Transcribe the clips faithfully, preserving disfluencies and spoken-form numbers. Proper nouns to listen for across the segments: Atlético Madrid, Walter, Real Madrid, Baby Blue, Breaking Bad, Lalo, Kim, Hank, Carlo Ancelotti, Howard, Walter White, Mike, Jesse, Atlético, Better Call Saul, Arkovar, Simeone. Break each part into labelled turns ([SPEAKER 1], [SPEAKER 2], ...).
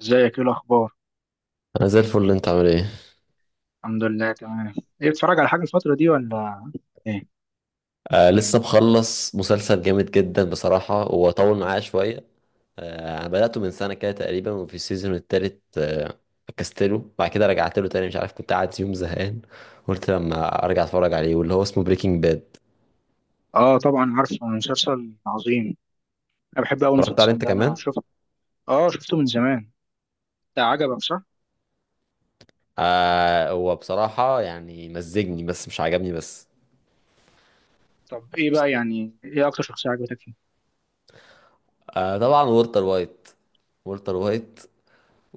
[SPEAKER 1] ازيك، ايه الاخبار؟
[SPEAKER 2] انا زي الفل، انت عامل ايه؟
[SPEAKER 1] الحمد لله، تمام. ايه، بتتفرج على حاجه الفتره دي ولا ايه؟
[SPEAKER 2] آه، لسه مخلص مسلسل جامد جدا بصراحه، هو طول معايا شويه. آه، انا بداته من سنه كده تقريبا وفي السيزون التالت آه كستله، بعد كده رجعت له تاني مش عارف، كنت قاعد يوم زهقان قلت لما ارجع اتفرج عليه، واللي هو اسمه بريكنج باد.
[SPEAKER 1] اه، طبعا عارفه. مسلسل عظيم. انا بحب، اول
[SPEAKER 2] اتفرجت عليه
[SPEAKER 1] مسلسل
[SPEAKER 2] انت
[SPEAKER 1] ده انا
[SPEAKER 2] كمان؟
[SPEAKER 1] شفته. اه، شفته من زمان. ده عجبك، صح؟
[SPEAKER 2] آه، هو بصراحه يعني مزجني، بس مش عجبني بس.
[SPEAKER 1] طب ايه بقى، يعني ايه اكتر شخصيه عجبتك فيه؟
[SPEAKER 2] آه طبعا، والتر وايت. والتر وايت.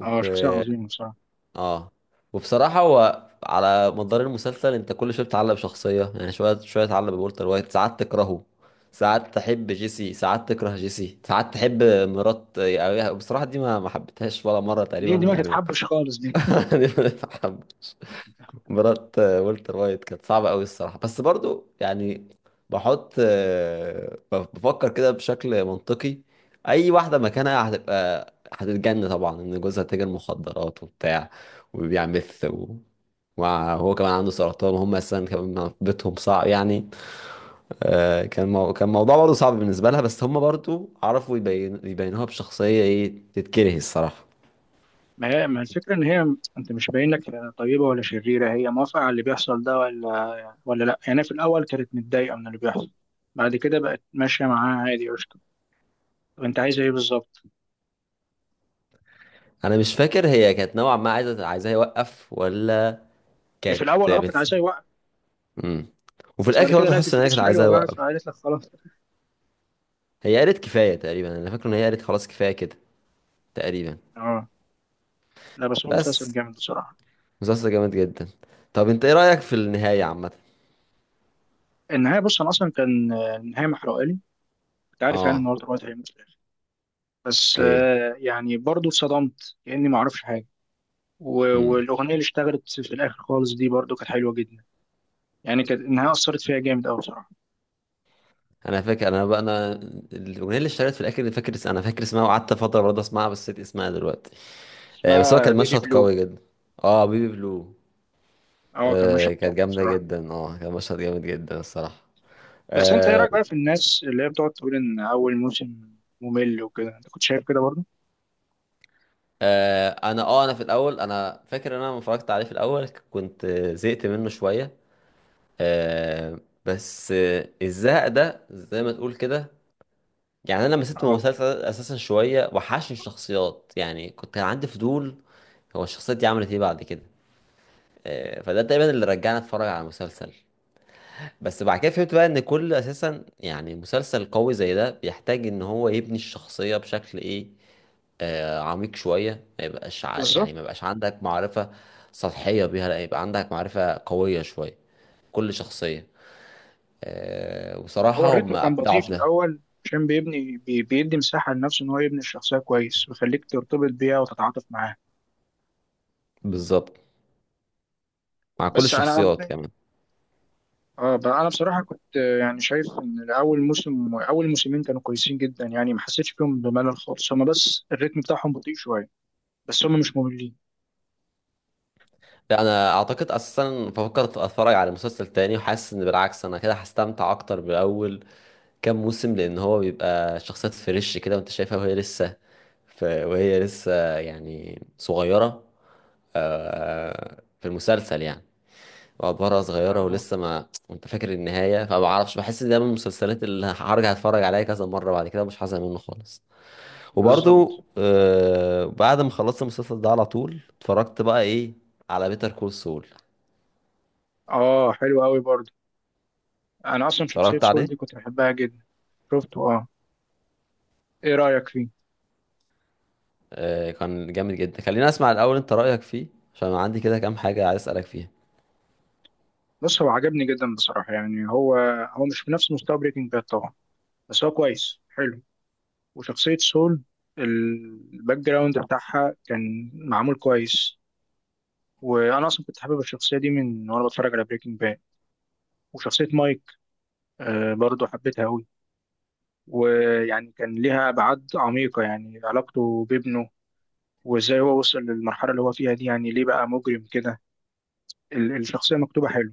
[SPEAKER 1] اه، شخصيه عظيمه بصراحه.
[SPEAKER 2] اه، وبصراحة هو على مدار المسلسل انت كل شوية بتتعلق بشخصية، يعني شوية شوية تتعلق بولتر وايت، ساعات تكرهه، ساعات تحب جيسي، ساعات تكره جيسي، ساعات تحب مرات، يعني بصراحة دي ما ما حبيتهاش ولا مرة
[SPEAKER 1] دي
[SPEAKER 2] تقريبا،
[SPEAKER 1] دي ما
[SPEAKER 2] يعني ما-
[SPEAKER 1] تتحبش خالص دي.
[SPEAKER 2] يعني ما حبيتهاش. مباراة آه، والتر وايت كانت صعبة قوي الصراحة، بس برضو يعني بحط آه، ب- بفكر كده بشكل منطقي. أي واحدة مكانها هتبقى هتتجن طبعا، إن جوزها تاجر مخدرات وبتاع وبيعمل ميث، و... وهو كمان عنده سرطان، وهم أساسا كمان بيتهم صعب يعني. آه، كان مو... كان الموضوع برضه صعب بالنسبة لها، بس هم برضه عرفوا يبين... يبينوها بشخصية إيه تتكره الصراحة.
[SPEAKER 1] ما هي ما الفكره ان هي، انت مش باين لك هي طيبه ولا شريره؟ هي موافقه على اللي بيحصل ده ولا ولا لا؟ يعني في الاول كانت متضايقه من اللي بيحصل، بعد كده بقت ماشيه معاه عادي قشطه. طب انت عايزه ايه بالظبط؟
[SPEAKER 2] أنا مش فاكر، هي كانت نوعا ما عايزة عايزاه يوقف ولا
[SPEAKER 1] في
[SPEAKER 2] كانت
[SPEAKER 1] الاول اه كنت
[SPEAKER 2] بت...
[SPEAKER 1] عايز،
[SPEAKER 2] امم وفي
[SPEAKER 1] بس بعد
[SPEAKER 2] الاخر
[SPEAKER 1] كده
[SPEAKER 2] برضه
[SPEAKER 1] لقيت
[SPEAKER 2] حاسس ان هي كانت
[SPEAKER 1] الفلوس
[SPEAKER 2] عايزه
[SPEAKER 1] حلوه بقى
[SPEAKER 2] اوقف.
[SPEAKER 1] فقالت لك خلاص.
[SPEAKER 2] هي قالت كفايه تقريبا، انا فاكر ان هي قالت خلاص كفايه كده، تقريبا.
[SPEAKER 1] اه. لا بس هو مسلسل
[SPEAKER 2] بس
[SPEAKER 1] جامد بصراحه.
[SPEAKER 2] مسلسل جامد جدا. طب انت ايه رايك في النهايه عامه؟
[SPEAKER 1] النهايه، بص، انا اصلا كان آه، النهايه محرقه لي. كنت عارف يعني ان هو
[SPEAKER 2] اه.
[SPEAKER 1] دلوقتي هيموت في الآخر. بس
[SPEAKER 2] اوكي.
[SPEAKER 1] آه، يعني برضه اتصدمت كاني ما اعرفش حاجه. و-
[SPEAKER 2] امم
[SPEAKER 1] والاغنيه اللي اشتغلت في الاخر خالص دي برضه كانت حلوه جدا. يعني كانت النهايه اثرت فيها جامد قوي بصراحه.
[SPEAKER 2] انا فاكر انا بقى انا الاغنيه اللي اشتغلت في الاخر اللي فاكر اس- انا فاكر اسمها، وقعدت فتره برضه اسمعها، بس نسيت اسمها دلوقتي. آه بس هو
[SPEAKER 1] اسمها
[SPEAKER 2] كان
[SPEAKER 1] بيبي
[SPEAKER 2] مشهد
[SPEAKER 1] بلو.
[SPEAKER 2] قوي جدا. اه، بيبي بلو.
[SPEAKER 1] اه، كان ماشي
[SPEAKER 2] آه كانت
[SPEAKER 1] تحفه
[SPEAKER 2] جامده
[SPEAKER 1] بصراحه.
[SPEAKER 2] جدا. اه كان مشهد جامد جدا الصراحه.
[SPEAKER 1] بس انت ايه
[SPEAKER 2] آه،
[SPEAKER 1] رايك بقى في الناس اللي هي بتقعد تقول ان اول موسم ممل وكده؟ انت كنت شايف كده برضه؟
[SPEAKER 2] آه، انا اه انا في الاول انا فاكر ان انا لما اتفرجت عليه في الاول كنت زهقت منه شويه، آه، بس آه، الزهق ده زي ما تقول كده، يعني انا مسكت من
[SPEAKER 1] اه،
[SPEAKER 2] المسلسل اساسا شويه، وحشني الشخصيات، يعني كنت عندي فضول هو الشخصيات دي عملت ايه بعد كده. آه، فده تقريبا اللي رجعني اتفرج على المسلسل. بس بعد كده فهمت بقى ان كل اساسا، يعني مسلسل قوي زي ده بيحتاج ان هو يبني الشخصيه بشكل ايه، آه، عميق شوية. ما يبقاش ع- يعني ما
[SPEAKER 1] بالظبط.
[SPEAKER 2] يبقاش عندك معرفة سطحية بيها، لا يبقى عندك معرفة قوية شوية كل شخصية، آه، وصراحة
[SPEAKER 1] هو
[SPEAKER 2] هم
[SPEAKER 1] الريتم كان
[SPEAKER 2] أبدعوا
[SPEAKER 1] بطيء
[SPEAKER 2] في
[SPEAKER 1] في
[SPEAKER 2] ده.
[SPEAKER 1] الأول، عشان بيبني بي- بيدي مساحة لنفسه إن هو يبني الشخصية كويس ويخليك ترتبط بيها وتتعاطف معاها.
[SPEAKER 2] بالظبط، مع كل
[SPEAKER 1] بس أنا
[SPEAKER 2] الشخصيات كمان.
[SPEAKER 1] آه بقى أنا بصراحة كنت آه، يعني شايف إن أول موسم أول موسمين كانوا كويسين جدا. يعني ما حسيتش فيهم بملل خالص، هما بس الريتم بتاعهم بطيء شوية، بس هما مش مملين.
[SPEAKER 2] لا، أنا أعتقد أساسا بفكر أتفرج على مسلسل تاني وحاسس إن بالعكس أنا كده هستمتع أكتر بأول كام موسم، لأن هو بيبقى شخصيات فريش كده وأنت شايفها وهي لسه ف... وهي لسه يعني صغيرة، آه، في المسلسل يعني. وعبارة صغيرة
[SPEAKER 1] آه،
[SPEAKER 2] ولسه، ما انت فاكر النهاية، فما بعرفش، بحس ان ده من المسلسلات اللي هرجع اتفرج عليها كذا مرة بعد كده، مش حاسس منه خالص.
[SPEAKER 1] بالظبط.
[SPEAKER 2] وبرضو آه بعد ما خلصت المسلسل ده على طول اتفرجت بقى ايه، على بيتر كول سول.
[SPEAKER 1] آه، حلو أوي برضه. أنا أصلا شخصية
[SPEAKER 2] اتفرجت
[SPEAKER 1] سول
[SPEAKER 2] عليه؟
[SPEAKER 1] دي كنت بحبها جدا. شفته آه. إيه رأيك فيه؟
[SPEAKER 2] آه كان جامد جدا، خليني اسمع الاول انت رأيك فيه، عشان أنا عندي كده كام حاجة عايز اسألك فيها.
[SPEAKER 1] بص، هو عجبني جدا بصراحة. يعني هو هو مش في نفس مستوى بريكنج باد طبعا، بس هو كويس حلو. وشخصية سول، الباك جراوند بتاعها كان معمول كويس. وأنا أصلا كنت حابب الشخصية دي من وأنا بتفرج على بريكنج باد. وشخصية مايك آه برضو حبيتها أوي. ويعني كان ليها أبعاد عميقة، يعني علاقته بابنه، وإزاي هو وصل للمرحلة اللي هو فيها دي، يعني ليه بقى مجرم كده. ال- الشخصية مكتوبة حلو.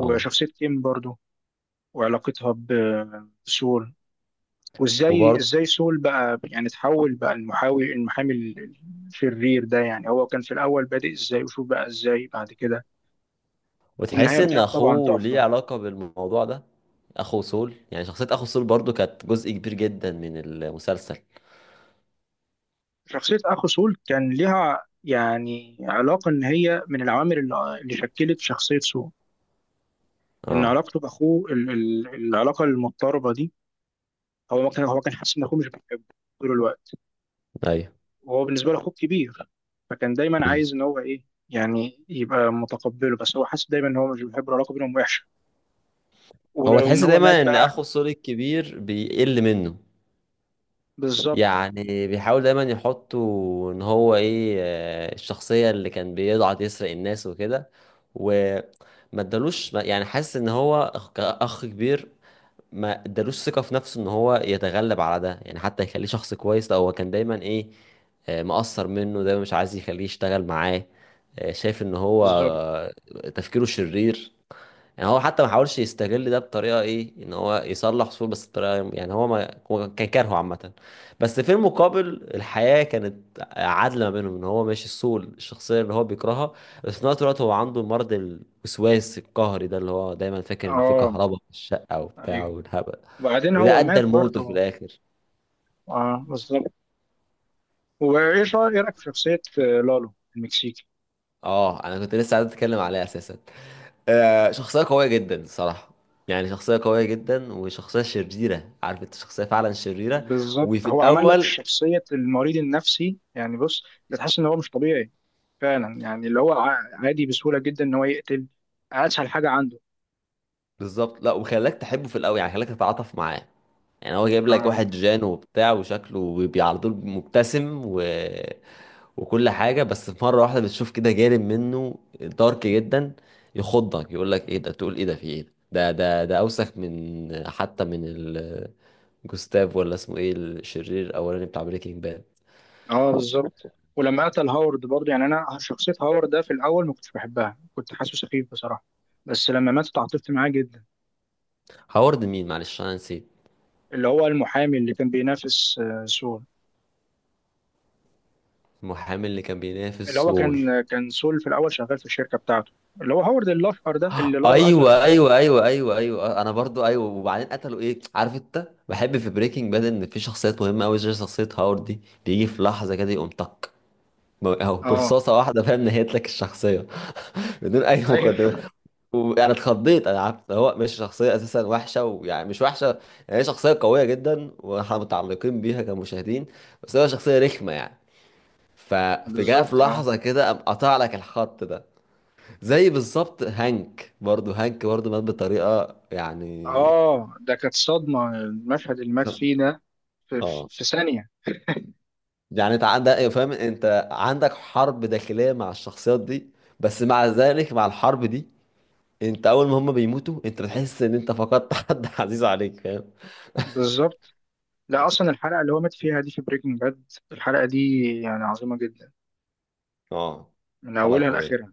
[SPEAKER 2] اه.
[SPEAKER 1] كيم برضو، وعلاقتها ب- بسول، وازاي
[SPEAKER 2] وبرضو،
[SPEAKER 1] ازاي سول بقى يعني تحول بقى المحاوي المحامي ال- الشرير ده. يعني هو كان في الاول بادئ ازاي، وشوف بقى ازاي بعد كده. والنهايه
[SPEAKER 2] وتحس ان
[SPEAKER 1] بتاعته طبعا
[SPEAKER 2] اخوه ليه
[SPEAKER 1] تحفه.
[SPEAKER 2] علاقة بالموضوع ده. اخو سول، يعني شخصية اخو سول برضو كانت جزء كبير جدا من المسلسل.
[SPEAKER 1] شخصيه اخو سول كان ليها يعني علاقه ان هي من العوامل اللي اللي شكلت شخصيه سول. ان
[SPEAKER 2] اه.
[SPEAKER 1] علاقته باخوه ال- ال- العلاقه المضطربه دي، هو ما كان هو كان حاسس ان اخوه مش بيحبه طول الوقت.
[SPEAKER 2] ايوه.
[SPEAKER 1] وهو بالنسبه له اخوه كبير، فكان دايما
[SPEAKER 2] مم.
[SPEAKER 1] عايز ان هو ايه يعني يبقى متقبله، بس هو حاسس دايما ان هو مش بيحبه، العلاقه بينهم وحشه. و-
[SPEAKER 2] هو
[SPEAKER 1] وان
[SPEAKER 2] تحس
[SPEAKER 1] هو مات
[SPEAKER 2] دايما ان
[SPEAKER 1] بقى.
[SPEAKER 2] اخو السوري الكبير بيقل منه،
[SPEAKER 1] بالظبط.
[SPEAKER 2] يعني بيحاول دايما يحطه، ان هو ايه آه، الشخصية اللي كان بيضعت يسرق الناس وكده. وما ادالوش ما- يعني حاسس ان هو أخ- كأخ كبير ما ادالوش ثقة في نفسه ان هو يتغلب على ده، يعني حتى يخليه شخص كويس، لا هو كان دايما ايه آه، مقصر منه دايما، مش عايز يخليه يشتغل معاه. آه، شايف ان هو
[SPEAKER 1] بالظبط،
[SPEAKER 2] آه، تفكيره شرير. يعني هو حتى ما حاولش يستغل ده بطريقه ايه ان هو يصلح قصور، بس بطريقه يعني هو ما هو كان كارهه عامه. بس في المقابل الحياه كانت عادله ما بينهم ان هو ماشي السوق الشخصيه اللي هو بيكرهها. بس في نفس الوقت هو عنده مرض الوسواس القهري ده، اللي هو دايما فاكر ان في
[SPEAKER 1] اه.
[SPEAKER 2] كهرباء في الشقه وبتاع
[SPEAKER 1] ايوه.
[SPEAKER 2] والهبل.
[SPEAKER 1] وبعدين هو
[SPEAKER 2] وده ادى
[SPEAKER 1] مات
[SPEAKER 2] لموته في
[SPEAKER 1] برضه.
[SPEAKER 2] الاخر.
[SPEAKER 1] اه، بالظبط. وايه شا- إيه رايك في شخصيه آه، لالو المكسيكي؟
[SPEAKER 2] اه، انا كنت لسه عايز اتكلم عليها اساسا. آه شخصيه قويه جدا الصراحه، يعني شخصيه قويه جدا وشخصيه شريره، عارف انت شخصيه فعلا شريره.
[SPEAKER 1] بالظبط،
[SPEAKER 2] وفي
[SPEAKER 1] هو عمل لك
[SPEAKER 2] الاول
[SPEAKER 1] شخصيه المريض النفسي، يعني بص، بتحس ان هو مش طبيعي فعلا، يعني اللي هو ع- عادي بسهوله جدا ان هو يقتل، اسهل حاجه عنده.
[SPEAKER 2] بالظبط، لا وخلاك تحبه في الاول، يعني خلاك تتعاطف معاه. يعني هو جايب لك
[SPEAKER 1] اه،
[SPEAKER 2] واحد جان وبتاع وشكله بي- على طول مبتسم و وكل حاجة، بس في مرة واحدة بتشوف كده جانب منه دارك جدا، يخضك، يقول لك ايه ده، تقول ايه ده، في ايه ده ده ده, ده, اوسخ من حتى من ال جوستاف، ولا اسمه ايه الشرير الاولاني بتاع بريكنج باد؟
[SPEAKER 1] اه، بالظبط. ولما قتل هاورد برضه، يعني انا شخصيه هاورد ده في الاول ما كنتش بحبها، كنت حاسه سخيف بصراحه، بس لما مات اتعاطفت معاه جدا.
[SPEAKER 2] هاورد مين؟ معلش انا نسيت.
[SPEAKER 1] اللي هو المحامي اللي كان بينافس آه، سول.
[SPEAKER 2] المحامي اللي كان بينافس
[SPEAKER 1] اللي هو
[SPEAKER 2] سول؟
[SPEAKER 1] كان كان سول في الاول شغال في الشركه بتاعته. اللي هو هوارد الاشقر ده اللي لارو قتله.
[SPEAKER 2] ايوه، ايوه، ايوه، ايوه، ايوه، انا برضو ايوه. وبعدين قتلوا، ايه عارف انت بحب في بريكنج باد ان في شخصيات مهمه قوي زي شخصيه هاورد دي، بيجي في لحظه كده يقوم طق. ما- أهو
[SPEAKER 1] اه،
[SPEAKER 2] برصاصة واحدة، فاهم، نهيت لك الشخصية بدون أي
[SPEAKER 1] ايوه،
[SPEAKER 2] مقدمة. ويعني اتخضيت، أنا عارف إن هو مش شخصية أساسا وحشة، ويعني مش وحشة، يعني هي شخصية قوية جدا وإحنا متعلقين بيها كمشاهدين، بس هو شخصية رخمة يعني. ففي جاء في
[SPEAKER 1] بالظبط، اه،
[SPEAKER 2] لحظة كده قام قطع لك الخط ده. زي بالظبط هانك، برضو هانك برضو مات بطريقة يعني.
[SPEAKER 1] اه. ده كانت صدمه، المشهد اللي مات فيه ده، في, في
[SPEAKER 2] اه.
[SPEAKER 1] في ثانيه.
[SPEAKER 2] يعني انت عندك، أيوة، فاهم، انت عندك حرب داخلية مع الشخصيات دي، بس مع ذلك مع الحرب دي، انت اول ما هم بيموتوا انت بتحس ان انت فقدت حد عزيز عليك، فاهم.
[SPEAKER 1] بالظبط. لا، اصلا الحلقه اللي هو مات فيها دي في بريكنج باد، الحلقه دي يعني عظيمه جدا
[SPEAKER 2] اه،
[SPEAKER 1] من
[SPEAKER 2] حلقة
[SPEAKER 1] اولها
[SPEAKER 2] قوية.
[SPEAKER 1] لاخرها.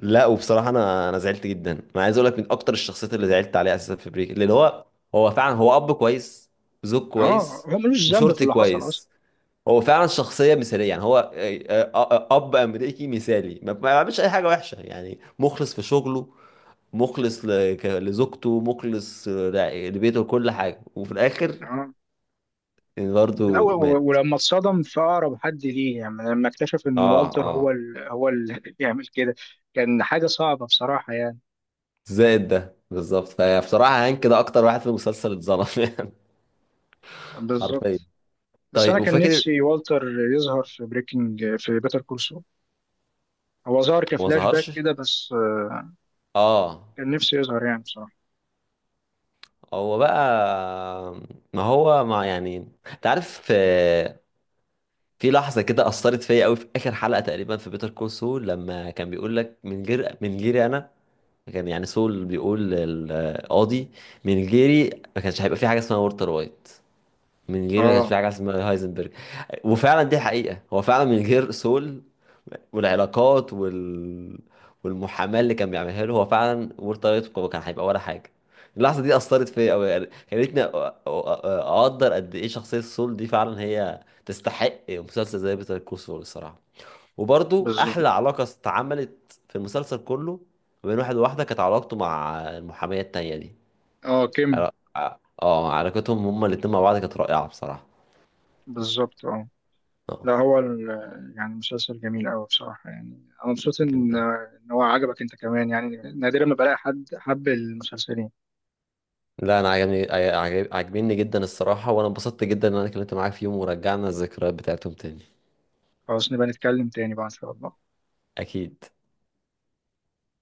[SPEAKER 2] لا وبصراحة انا انا زعلت جدا، انا عايز اقول لك من اكتر الشخصيات اللي زعلت عليها اساسا في بريك، لان هو هو فعلا هو اب كويس، زوج
[SPEAKER 1] اه،
[SPEAKER 2] كويس،
[SPEAKER 1] هو ملوش ذنب في
[SPEAKER 2] وشرطي
[SPEAKER 1] اللي حصل اصلا.
[SPEAKER 2] كويس. هو فعلا شخصية مثالية، يعني هو آه، آه، آه، اب امريكي مثالي ما ما بيعملش اي حاجة وحشة، يعني مخلص في شغله، مخلص ل- ك- لزوجته، مخلص آه، لع- لبيته كل حاجة، وفي الاخر
[SPEAKER 1] اه، لا
[SPEAKER 2] برضه
[SPEAKER 1] و- و-
[SPEAKER 2] مات.
[SPEAKER 1] ولما اتصدم في اقرب حد ليه، يعني لما اكتشف ان
[SPEAKER 2] اه.
[SPEAKER 1] والتر هو
[SPEAKER 2] اه.
[SPEAKER 1] ال... هو اللي بيعمل كده، كان حاجه صعبه بصراحه يعني.
[SPEAKER 2] زائد ده بالظبط، فبصراحة هانك ده أكتر واحد في المسلسل اتظلم يعني حرفيا.
[SPEAKER 1] بالظبط. بس انا
[SPEAKER 2] طيب،
[SPEAKER 1] كان
[SPEAKER 2] وفاكر.
[SPEAKER 1] نفسي والتر يظهر في بريكنج في بيتر كول سول. هو ظهر
[SPEAKER 2] ما
[SPEAKER 1] كفلاش باك
[SPEAKER 2] ظهرش؟
[SPEAKER 1] كده بس آه،
[SPEAKER 2] آه
[SPEAKER 1] كان نفسي يظهر يعني بصراحه.
[SPEAKER 2] هو بقى، ما هو، ما يعني، أنت عارف، آه، في لحظة كده أثرت فيا قوي في آخر حلقة تقريبا في بيتر كول سول، لما كان بيقول لك من غير من غيري أنا، كان يعني سول بيقول للقاضي، من غيري ما كانش هيبقى في حاجة اسمها ورتر وايت، من غيري ما كانش
[SPEAKER 1] اه،
[SPEAKER 2] في حاجة اسمها هايزنبرج. وفعلا دي حقيقة، هو فعلا من غير سول والعلاقات وال... والمحاماة اللي كان بيعملها له، هو فعلا وورد تايت كان هيبقى ولا حاجة. اللحظة دي أثرت فيا أوي، يعني خلتني أ- أ- أقدر قد إيه شخصية سول دي، فعلا هي تستحق مسلسل زي بيتر كول سول الصراحة. وبرضو
[SPEAKER 1] بالظبط.
[SPEAKER 2] أحلى علاقة اتعملت في المسلسل كله بين واحد وواحدة، كانت علاقته مع المحامية التانية دي.
[SPEAKER 1] اه، كيم.
[SPEAKER 2] اه، علاقتهم هما الاتنين مع بعض كانت رائعة بصراحة.
[SPEAKER 1] بالظبط، اه.
[SPEAKER 2] اه.
[SPEAKER 1] لا هو ال... يعني مسلسل جميل قوي بصراحه، يعني انا مبسوط ان
[SPEAKER 2] جدا.
[SPEAKER 1] ان هو عجبك انت كمان. يعني نادرا ما بلاقي حد حب المسلسلين.
[SPEAKER 2] لا، انا عجبني عجب- عاجبني جدا الصراحه، وانا انبسطت جدا ان انا اتكلمت معاك في يوم ورجعنا الذكريات بتاعتهم تاني.
[SPEAKER 1] خلاص نبقى نتكلم تاني بقى ان شاء الله.
[SPEAKER 2] اكيد.